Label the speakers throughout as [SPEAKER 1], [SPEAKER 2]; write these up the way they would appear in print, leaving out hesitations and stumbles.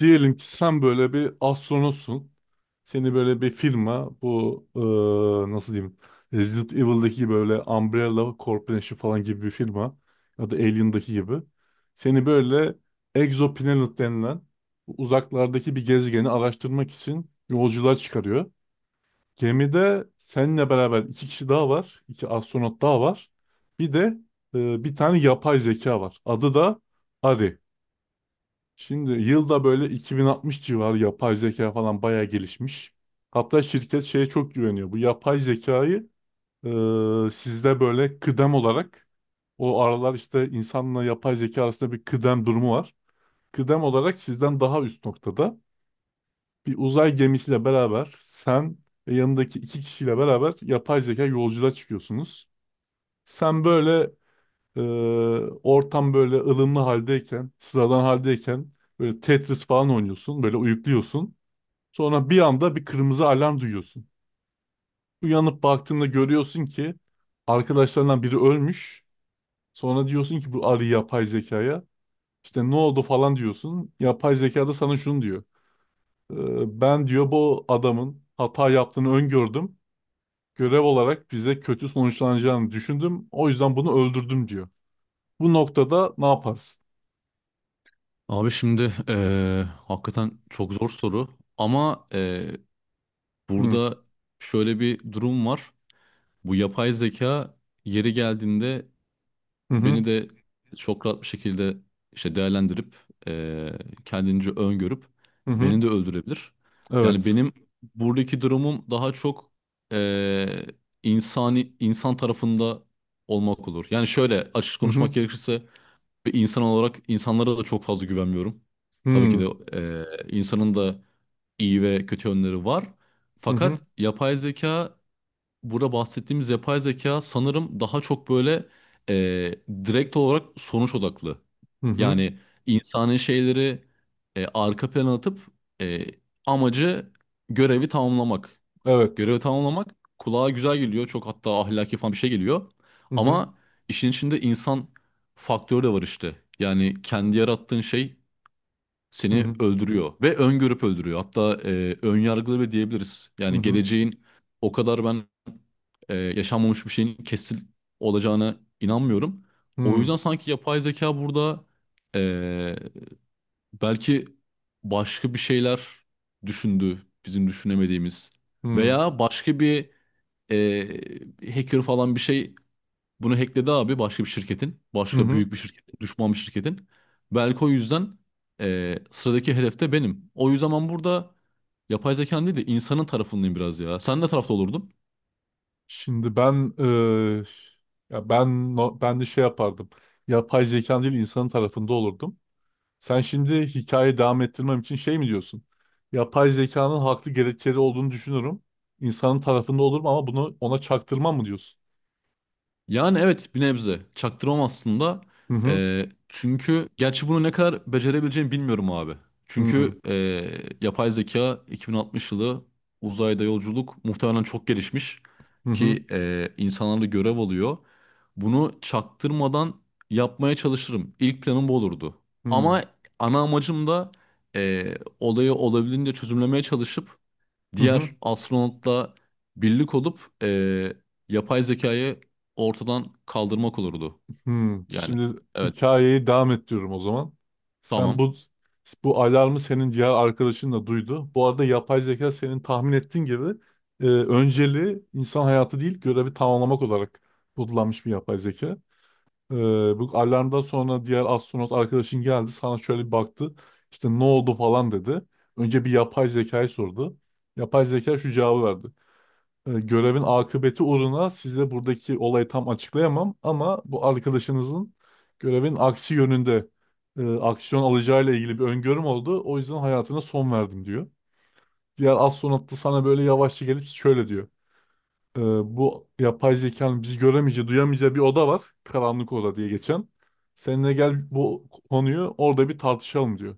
[SPEAKER 1] Diyelim ki sen böyle bir astronotsun. Seni böyle bir firma bu nasıl diyeyim, Resident Evil'daki böyle Umbrella Corporation falan gibi bir firma ya da Alien'daki gibi, seni böyle Exoplanet denilen uzaklardaki bir gezegeni araştırmak için yolcular çıkarıyor. Gemide seninle beraber iki kişi daha var. İki astronot daha var. Bir de bir tane yapay zeka var. Adı da Ari. Şimdi yılda böyle 2060 civarı yapay zeka falan bayağı gelişmiş. Hatta şirket şeye çok güveniyor. Bu yapay zekayı, sizde böyle kıdem olarak, o aralar işte insanla yapay zeka arasında bir kıdem durumu var. Kıdem olarak sizden daha üst noktada, bir uzay gemisiyle beraber sen ve yanındaki iki kişiyle beraber yapay zeka yolculuğa çıkıyorsunuz. Sen böyle, ee, ortam böyle ılımlı haldeyken, sıradan haldeyken böyle Tetris falan oynuyorsun, böyle uyukluyorsun. Sonra bir anda bir kırmızı alarm duyuyorsun. Uyanıp baktığında görüyorsun ki arkadaşlarından biri ölmüş. Sonra diyorsun ki bu arı yapay zekaya. İşte ne oldu falan diyorsun. Yapay zeka da sana şunu diyor. Ben diyor bu adamın hata yaptığını öngördüm. Görev olarak bize kötü sonuçlanacağını düşündüm. O yüzden bunu öldürdüm diyor. Bu noktada ne yaparsın?
[SPEAKER 2] Abi şimdi hakikaten çok zor soru ama
[SPEAKER 1] Hı
[SPEAKER 2] burada şöyle bir durum var. Bu yapay zeka yeri geldiğinde
[SPEAKER 1] hı.
[SPEAKER 2] beni
[SPEAKER 1] Hı.
[SPEAKER 2] de çok rahat bir şekilde işte değerlendirip eee kendince öngörüp
[SPEAKER 1] Hı hı.
[SPEAKER 2] beni de öldürebilir. Yani
[SPEAKER 1] Evet.
[SPEAKER 2] benim buradaki durumum daha çok eee, insani insan tarafında olmak olur. Yani şöyle açık
[SPEAKER 1] Hı
[SPEAKER 2] konuşmak
[SPEAKER 1] hı.
[SPEAKER 2] gerekirse bir insan olarak insanlara da çok fazla güvenmiyorum. Tabii ki de insanın da iyi ve kötü yönleri var.
[SPEAKER 1] Hı hı.
[SPEAKER 2] Fakat yapay zeka, burada bahsettiğimiz yapay zeka sanırım daha çok böyle e, direkt olarak sonuç odaklı.
[SPEAKER 1] Hı hı.
[SPEAKER 2] Yani insanın şeyleri arka plana atıp e, amacı görevi tamamlamak.
[SPEAKER 1] Evet.
[SPEAKER 2] Görevi tamamlamak kulağa güzel geliyor. Çok hatta ahlaki falan bir şey geliyor.
[SPEAKER 1] Hı hı.
[SPEAKER 2] Ama işin içinde insan faktörü de var işte. Yani kendi yarattığın şey
[SPEAKER 1] Hı
[SPEAKER 2] seni
[SPEAKER 1] hı.
[SPEAKER 2] öldürüyor ve öngörüp öldürüyor. Hatta ön yargılı bile diyebiliriz.
[SPEAKER 1] Hı
[SPEAKER 2] Yani
[SPEAKER 1] hı.
[SPEAKER 2] geleceğin o kadar ben yaşanmamış bir şeyin kesin olacağına inanmıyorum. O
[SPEAKER 1] Hı
[SPEAKER 2] yüzden sanki yapay zeka burada e, belki başka bir şeyler düşündü bizim düşünemediğimiz
[SPEAKER 1] hı.
[SPEAKER 2] veya başka bir ee, hacker falan bir şey bunu hackledi abi başka bir şirketin.
[SPEAKER 1] Hı
[SPEAKER 2] Başka
[SPEAKER 1] hı.
[SPEAKER 2] büyük bir şirketin. Düşman bir şirketin. Belki o yüzden sıradaki hedefte benim. O yüzden ben burada yapay zekanın değil de insanın tarafındayım biraz ya. Sen ne tarafta olurdun?
[SPEAKER 1] Şimdi ben ya ben no- ben de şey yapardım. Yapay zekan değil insanın tarafında olurdum. Sen şimdi hikayeyi devam ettirmem için şey mi diyorsun? Yapay zekanın haklı gerekçeleri olduğunu düşünürüm. İnsanın tarafında olurum ama bunu ona çaktırmam mı diyorsun?
[SPEAKER 2] Yani evet bir nebze. Çaktırmam aslında.
[SPEAKER 1] Hı hı.
[SPEAKER 2] Çünkü gerçi bunu ne kadar becerebileceğimi bilmiyorum abi.
[SPEAKER 1] Hı hı.
[SPEAKER 2] Çünkü yapay zeka 2060 yılı uzayda yolculuk muhtemelen çok gelişmiş
[SPEAKER 1] Hı
[SPEAKER 2] ki insanlar görev alıyor. Bunu çaktırmadan yapmaya çalışırım. İlk planım bu olurdu.
[SPEAKER 1] hı.
[SPEAKER 2] Ama ana amacım da ee, olayı olabildiğince çözümlemeye çalışıp
[SPEAKER 1] Hı
[SPEAKER 2] diğer
[SPEAKER 1] hı.
[SPEAKER 2] astronotla birlik olup yapay zekayı ortadan kaldırmak olurdu.
[SPEAKER 1] Hmm,
[SPEAKER 2] Yani
[SPEAKER 1] şimdi
[SPEAKER 2] evet
[SPEAKER 1] hikayeyi devam ettiriyorum o zaman. Sen
[SPEAKER 2] tamam
[SPEAKER 1] bu alarmı senin diğer arkadaşın da duydu. Bu arada yapay zeka senin tahmin ettiğin gibi, önceliği insan hayatı değil görevi tamamlamak olarak kodlanmış bir yapay zeka. E, Bu alarmdan sonra diğer astronot arkadaşın geldi sana şöyle bir baktı. İşte ne oldu falan dedi. Önce bir yapay zekayı sordu. Yapay zeka şu cevabı verdi. Görevin akıbeti uğruna size buradaki olayı tam açıklayamam, ama bu arkadaşınızın görevin aksi yönünde aksiyon alacağıyla ilgili bir öngörüm oldu. O yüzden hayatına son verdim diyor. Diğer astronot da sana böyle yavaşça gelip şöyle diyor. E, Bu yapay zekanın bizi göremeyeceği, duyamayacağı bir oda var. Karanlık oda diye geçen. Seninle gel, bu konuyu orada bir tartışalım diyor.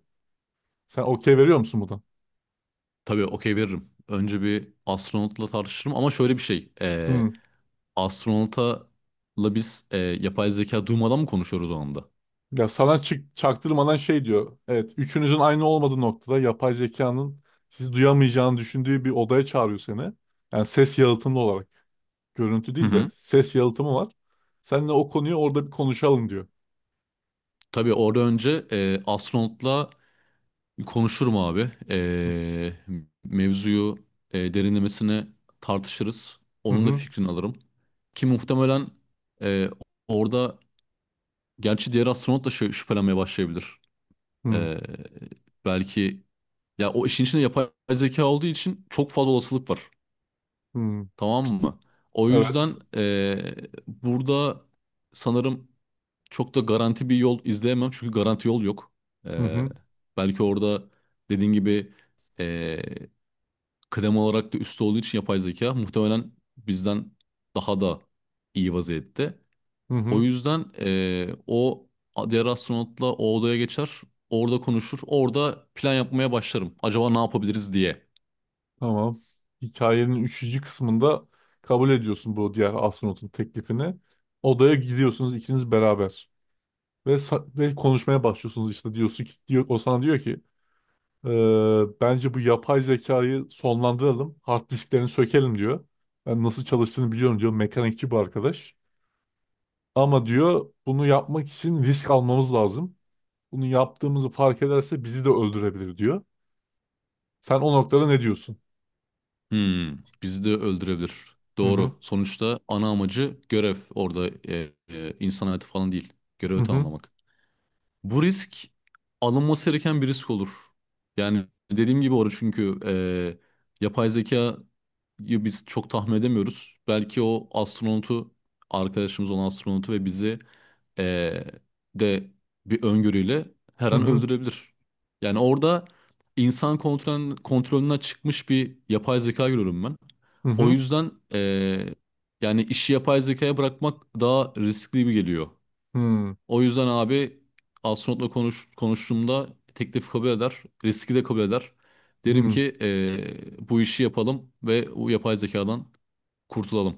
[SPEAKER 1] Sen okey veriyor musun buna?
[SPEAKER 2] tabii okey veririm. Önce bir astronotla tartışırım ama şöyle bir şey astronotla biz yapay zeka duymadan mı konuşuyoruz o anda?
[SPEAKER 1] Ya sana çaktırmadan şey diyor. Evet, üçünüzün aynı olmadığı noktada yapay zekanın sizi duyamayacağını düşündüğü bir odaya çağırıyor seni. Yani ses yalıtımlı olarak. Görüntü
[SPEAKER 2] Hı
[SPEAKER 1] değil de
[SPEAKER 2] hı.
[SPEAKER 1] ses yalıtımı var. Seninle o konuyu orada bir konuşalım diyor.
[SPEAKER 2] Tabii orada önce astronotla konuşurum abi. Mevzuyu derinlemesine tartışırız.
[SPEAKER 1] Hı
[SPEAKER 2] Onun da
[SPEAKER 1] hı.
[SPEAKER 2] fikrini alırım. Ki muhtemelen e, orada gerçi diğer astronot da şey, şüphelenmeye başlayabilir.
[SPEAKER 1] Hı
[SPEAKER 2] Ee, Belki ya o işin içinde yapay zeka olduğu için çok fazla olasılık var.
[SPEAKER 1] hı.
[SPEAKER 2] Tamam mı? O
[SPEAKER 1] Evet.
[SPEAKER 2] yüzden burada sanırım çok da garanti bir yol izleyemem. Çünkü garanti yol yok.
[SPEAKER 1] Hı
[SPEAKER 2] Ee,
[SPEAKER 1] hı.
[SPEAKER 2] Belki orada dediğin gibi e, kıdem olarak da üstte olduğu için yapay zeka muhtemelen bizden daha da iyi vaziyette.
[SPEAKER 1] Hı
[SPEAKER 2] O
[SPEAKER 1] hı.
[SPEAKER 2] yüzden o diğer astronotla o odaya geçer. Orada konuşur. Orada plan yapmaya başlarım. Acaba ne yapabiliriz diye.
[SPEAKER 1] Tamam. Hikayenin üçüncü kısmında kabul ediyorsun bu diğer astronotun teklifini. Odaya gidiyorsunuz ikiniz beraber. Ve konuşmaya başlıyorsunuz, işte diyorsun ki diyor, o sana diyor ki: Ee, bence bu yapay zekayı sonlandıralım. Hard disklerini sökelim diyor. Ben nasıl çalıştığını biliyorum diyor. Mekanikçi bu arkadaş. Ama diyor bunu yapmak için risk almamız lazım. Bunu yaptığımızı fark ederse bizi de öldürebilir diyor. Sen o noktada ne diyorsun?
[SPEAKER 2] Hmm, bizi de öldürebilir.
[SPEAKER 1] Hı hı
[SPEAKER 2] Doğru. Sonuçta ana amacı görev. Orada insan hayatı falan değil.
[SPEAKER 1] hı
[SPEAKER 2] Görevi
[SPEAKER 1] hı
[SPEAKER 2] tamamlamak. Bu risk alınması gereken bir risk olur. Yani dediğim gibi orada çünkü yapay zeka ya biz çok tahmin edemiyoruz. Belki o astronotu arkadaşımız olan astronotu ve bizi eee, de bir öngörüyle her an
[SPEAKER 1] hı
[SPEAKER 2] öldürebilir. Yani orada kontrolünden çıkmış bir yapay zeka görüyorum ben.
[SPEAKER 1] hı
[SPEAKER 2] O
[SPEAKER 1] hı
[SPEAKER 2] yüzden yani işi yapay zekaya bırakmak daha riskli gibi geliyor.
[SPEAKER 1] hı hı.
[SPEAKER 2] O yüzden abi konuştuğumda teklif kabul eder. Riski de kabul eder. Derim ki
[SPEAKER 1] Hı.
[SPEAKER 2] bu işi yapalım ve bu yapay zekadan kurtulalım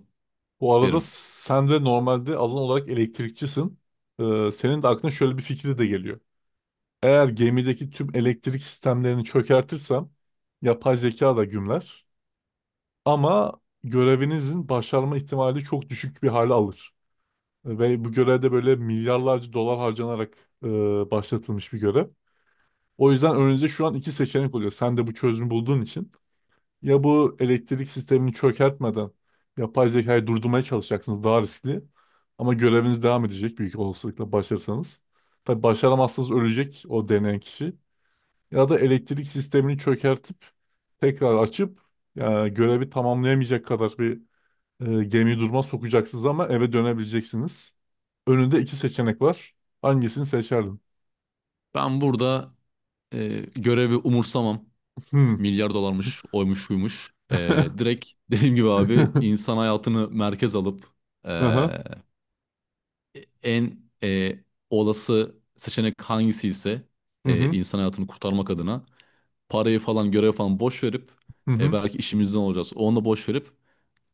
[SPEAKER 1] Bu arada
[SPEAKER 2] derim.
[SPEAKER 1] sen de normalde alan olarak elektrikçisin. Senin de aklına şöyle bir fikri de geliyor. Eğer gemideki tüm elektrik sistemlerini çökertirsem yapay zeka da gümler. Ama görevinizin başarma ihtimali çok düşük bir hale alır. Ve bu görevde böyle milyarlarca dolar harcanarak e, başlatılmış bir görev. O yüzden önünüzde şu an iki seçenek oluyor. Sen de bu çözümü bulduğun için. Ya bu elektrik sistemini çökertmeden yapay zekayı durdurmaya çalışacaksınız, daha riskli. Ama göreviniz devam edecek büyük olasılıkla, başarırsanız. Tabii başaramazsanız ölecek o deneyen kişi. Ya da elektrik sistemini çökertip tekrar açıp, yani görevi tamamlayamayacak kadar bir gemiyi duruma sokacaksınız ama eve dönebileceksiniz. Önünde iki seçenek var. Hangisini seçerdin?
[SPEAKER 2] Ben burada görevi umursamam.
[SPEAKER 1] Hmm.
[SPEAKER 2] Milyar dolarmış, oymuş, buymuş. Direkt dediğim gibi abi insan hayatını merkez alıp
[SPEAKER 1] Aha.
[SPEAKER 2] eee, en olası seçenek hangisi ise
[SPEAKER 1] Hı hı.
[SPEAKER 2] insan hayatını kurtarmak adına parayı falan görev falan boş verip
[SPEAKER 1] Hı hı.
[SPEAKER 2] belki işimizden olacağız. Onu boş verip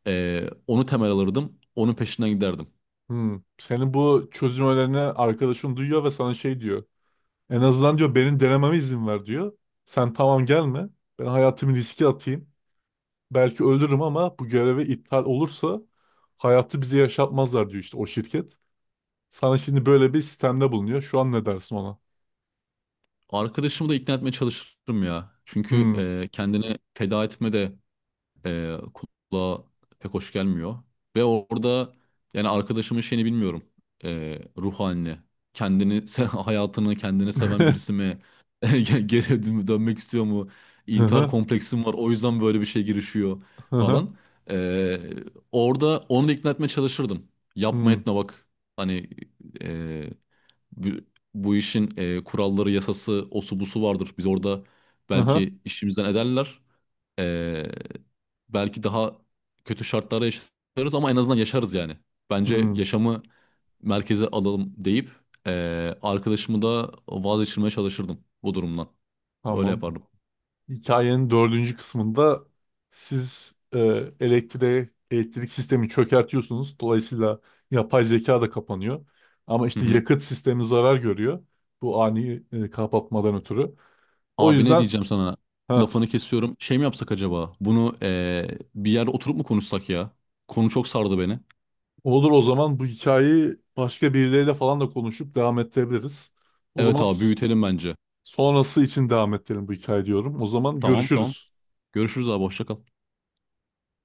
[SPEAKER 2] onu temel alırdım. Onun peşinden giderdim.
[SPEAKER 1] Hı. Senin bu çözüm önerini arkadaşın duyuyor ve sana şey diyor. En azından diyor benim denememe izin ver diyor. Sen tamam gelme. Ben hayatımı riske atayım. Belki ölürüm ama bu göreve iptal olursa hayatı bize yaşatmazlar diyor işte o şirket. Sana şimdi böyle bir sistemde bulunuyor. Şu an ne dersin ona?
[SPEAKER 2] Arkadaşımı da ikna etmeye çalışırım ya. Çünkü
[SPEAKER 1] Hmm.
[SPEAKER 2] kendini feda etme de e, kulağa pek hoş gelmiyor. Ve orada yani arkadaşımın şeyini bilmiyorum. Ruh halini, hayatını kendini seven birisi mi? Geri dönmek istiyor mu?
[SPEAKER 1] Hı
[SPEAKER 2] İntihar
[SPEAKER 1] hı.
[SPEAKER 2] kompleksim var o yüzden böyle bir şey girişiyor
[SPEAKER 1] Hı hı.
[SPEAKER 2] falan. E, Orada onu da ikna etmeye çalışırdım. Yapma
[SPEAKER 1] Hmm.
[SPEAKER 2] etme bak. Hani e, bu, bu işin kuralları, yasası, osu busu vardır. Biz orada
[SPEAKER 1] Aha.
[SPEAKER 2] belki işimizden ederler. Belki daha kötü şartlarda yaşarız ama en azından yaşarız yani. Bence
[SPEAKER 1] Hmm.
[SPEAKER 2] yaşamı merkeze alalım deyip arkadaşımı da vazgeçirmeye çalışırdım bu durumdan. Öyle
[SPEAKER 1] Tamam.
[SPEAKER 2] yapardım.
[SPEAKER 1] Hikayenin dördüncü kısmında siz, elektrik sistemi çökertiyorsunuz. Dolayısıyla yapay zeka da kapanıyor. Ama
[SPEAKER 2] Hı
[SPEAKER 1] işte
[SPEAKER 2] hı.
[SPEAKER 1] yakıt sistemi zarar görüyor. Bu ani kapatmadan ötürü. O
[SPEAKER 2] Abi ne
[SPEAKER 1] yüzden
[SPEAKER 2] diyeceğim sana?
[SPEAKER 1] ha,
[SPEAKER 2] Lafını kesiyorum. Şey mi yapsak acaba? Bunu bir yerde oturup mu konuşsak ya? Konu çok sardı beni.
[SPEAKER 1] olur o zaman, bu hikayeyi başka birileriyle falan da konuşup devam ettirebiliriz. O
[SPEAKER 2] Evet
[SPEAKER 1] zaman
[SPEAKER 2] abi büyütelim bence.
[SPEAKER 1] sonrası için devam ettirelim bu hikaye diyorum. O zaman
[SPEAKER 2] Tamam tamam.
[SPEAKER 1] görüşürüz.
[SPEAKER 2] Görüşürüz abi hoşça kal.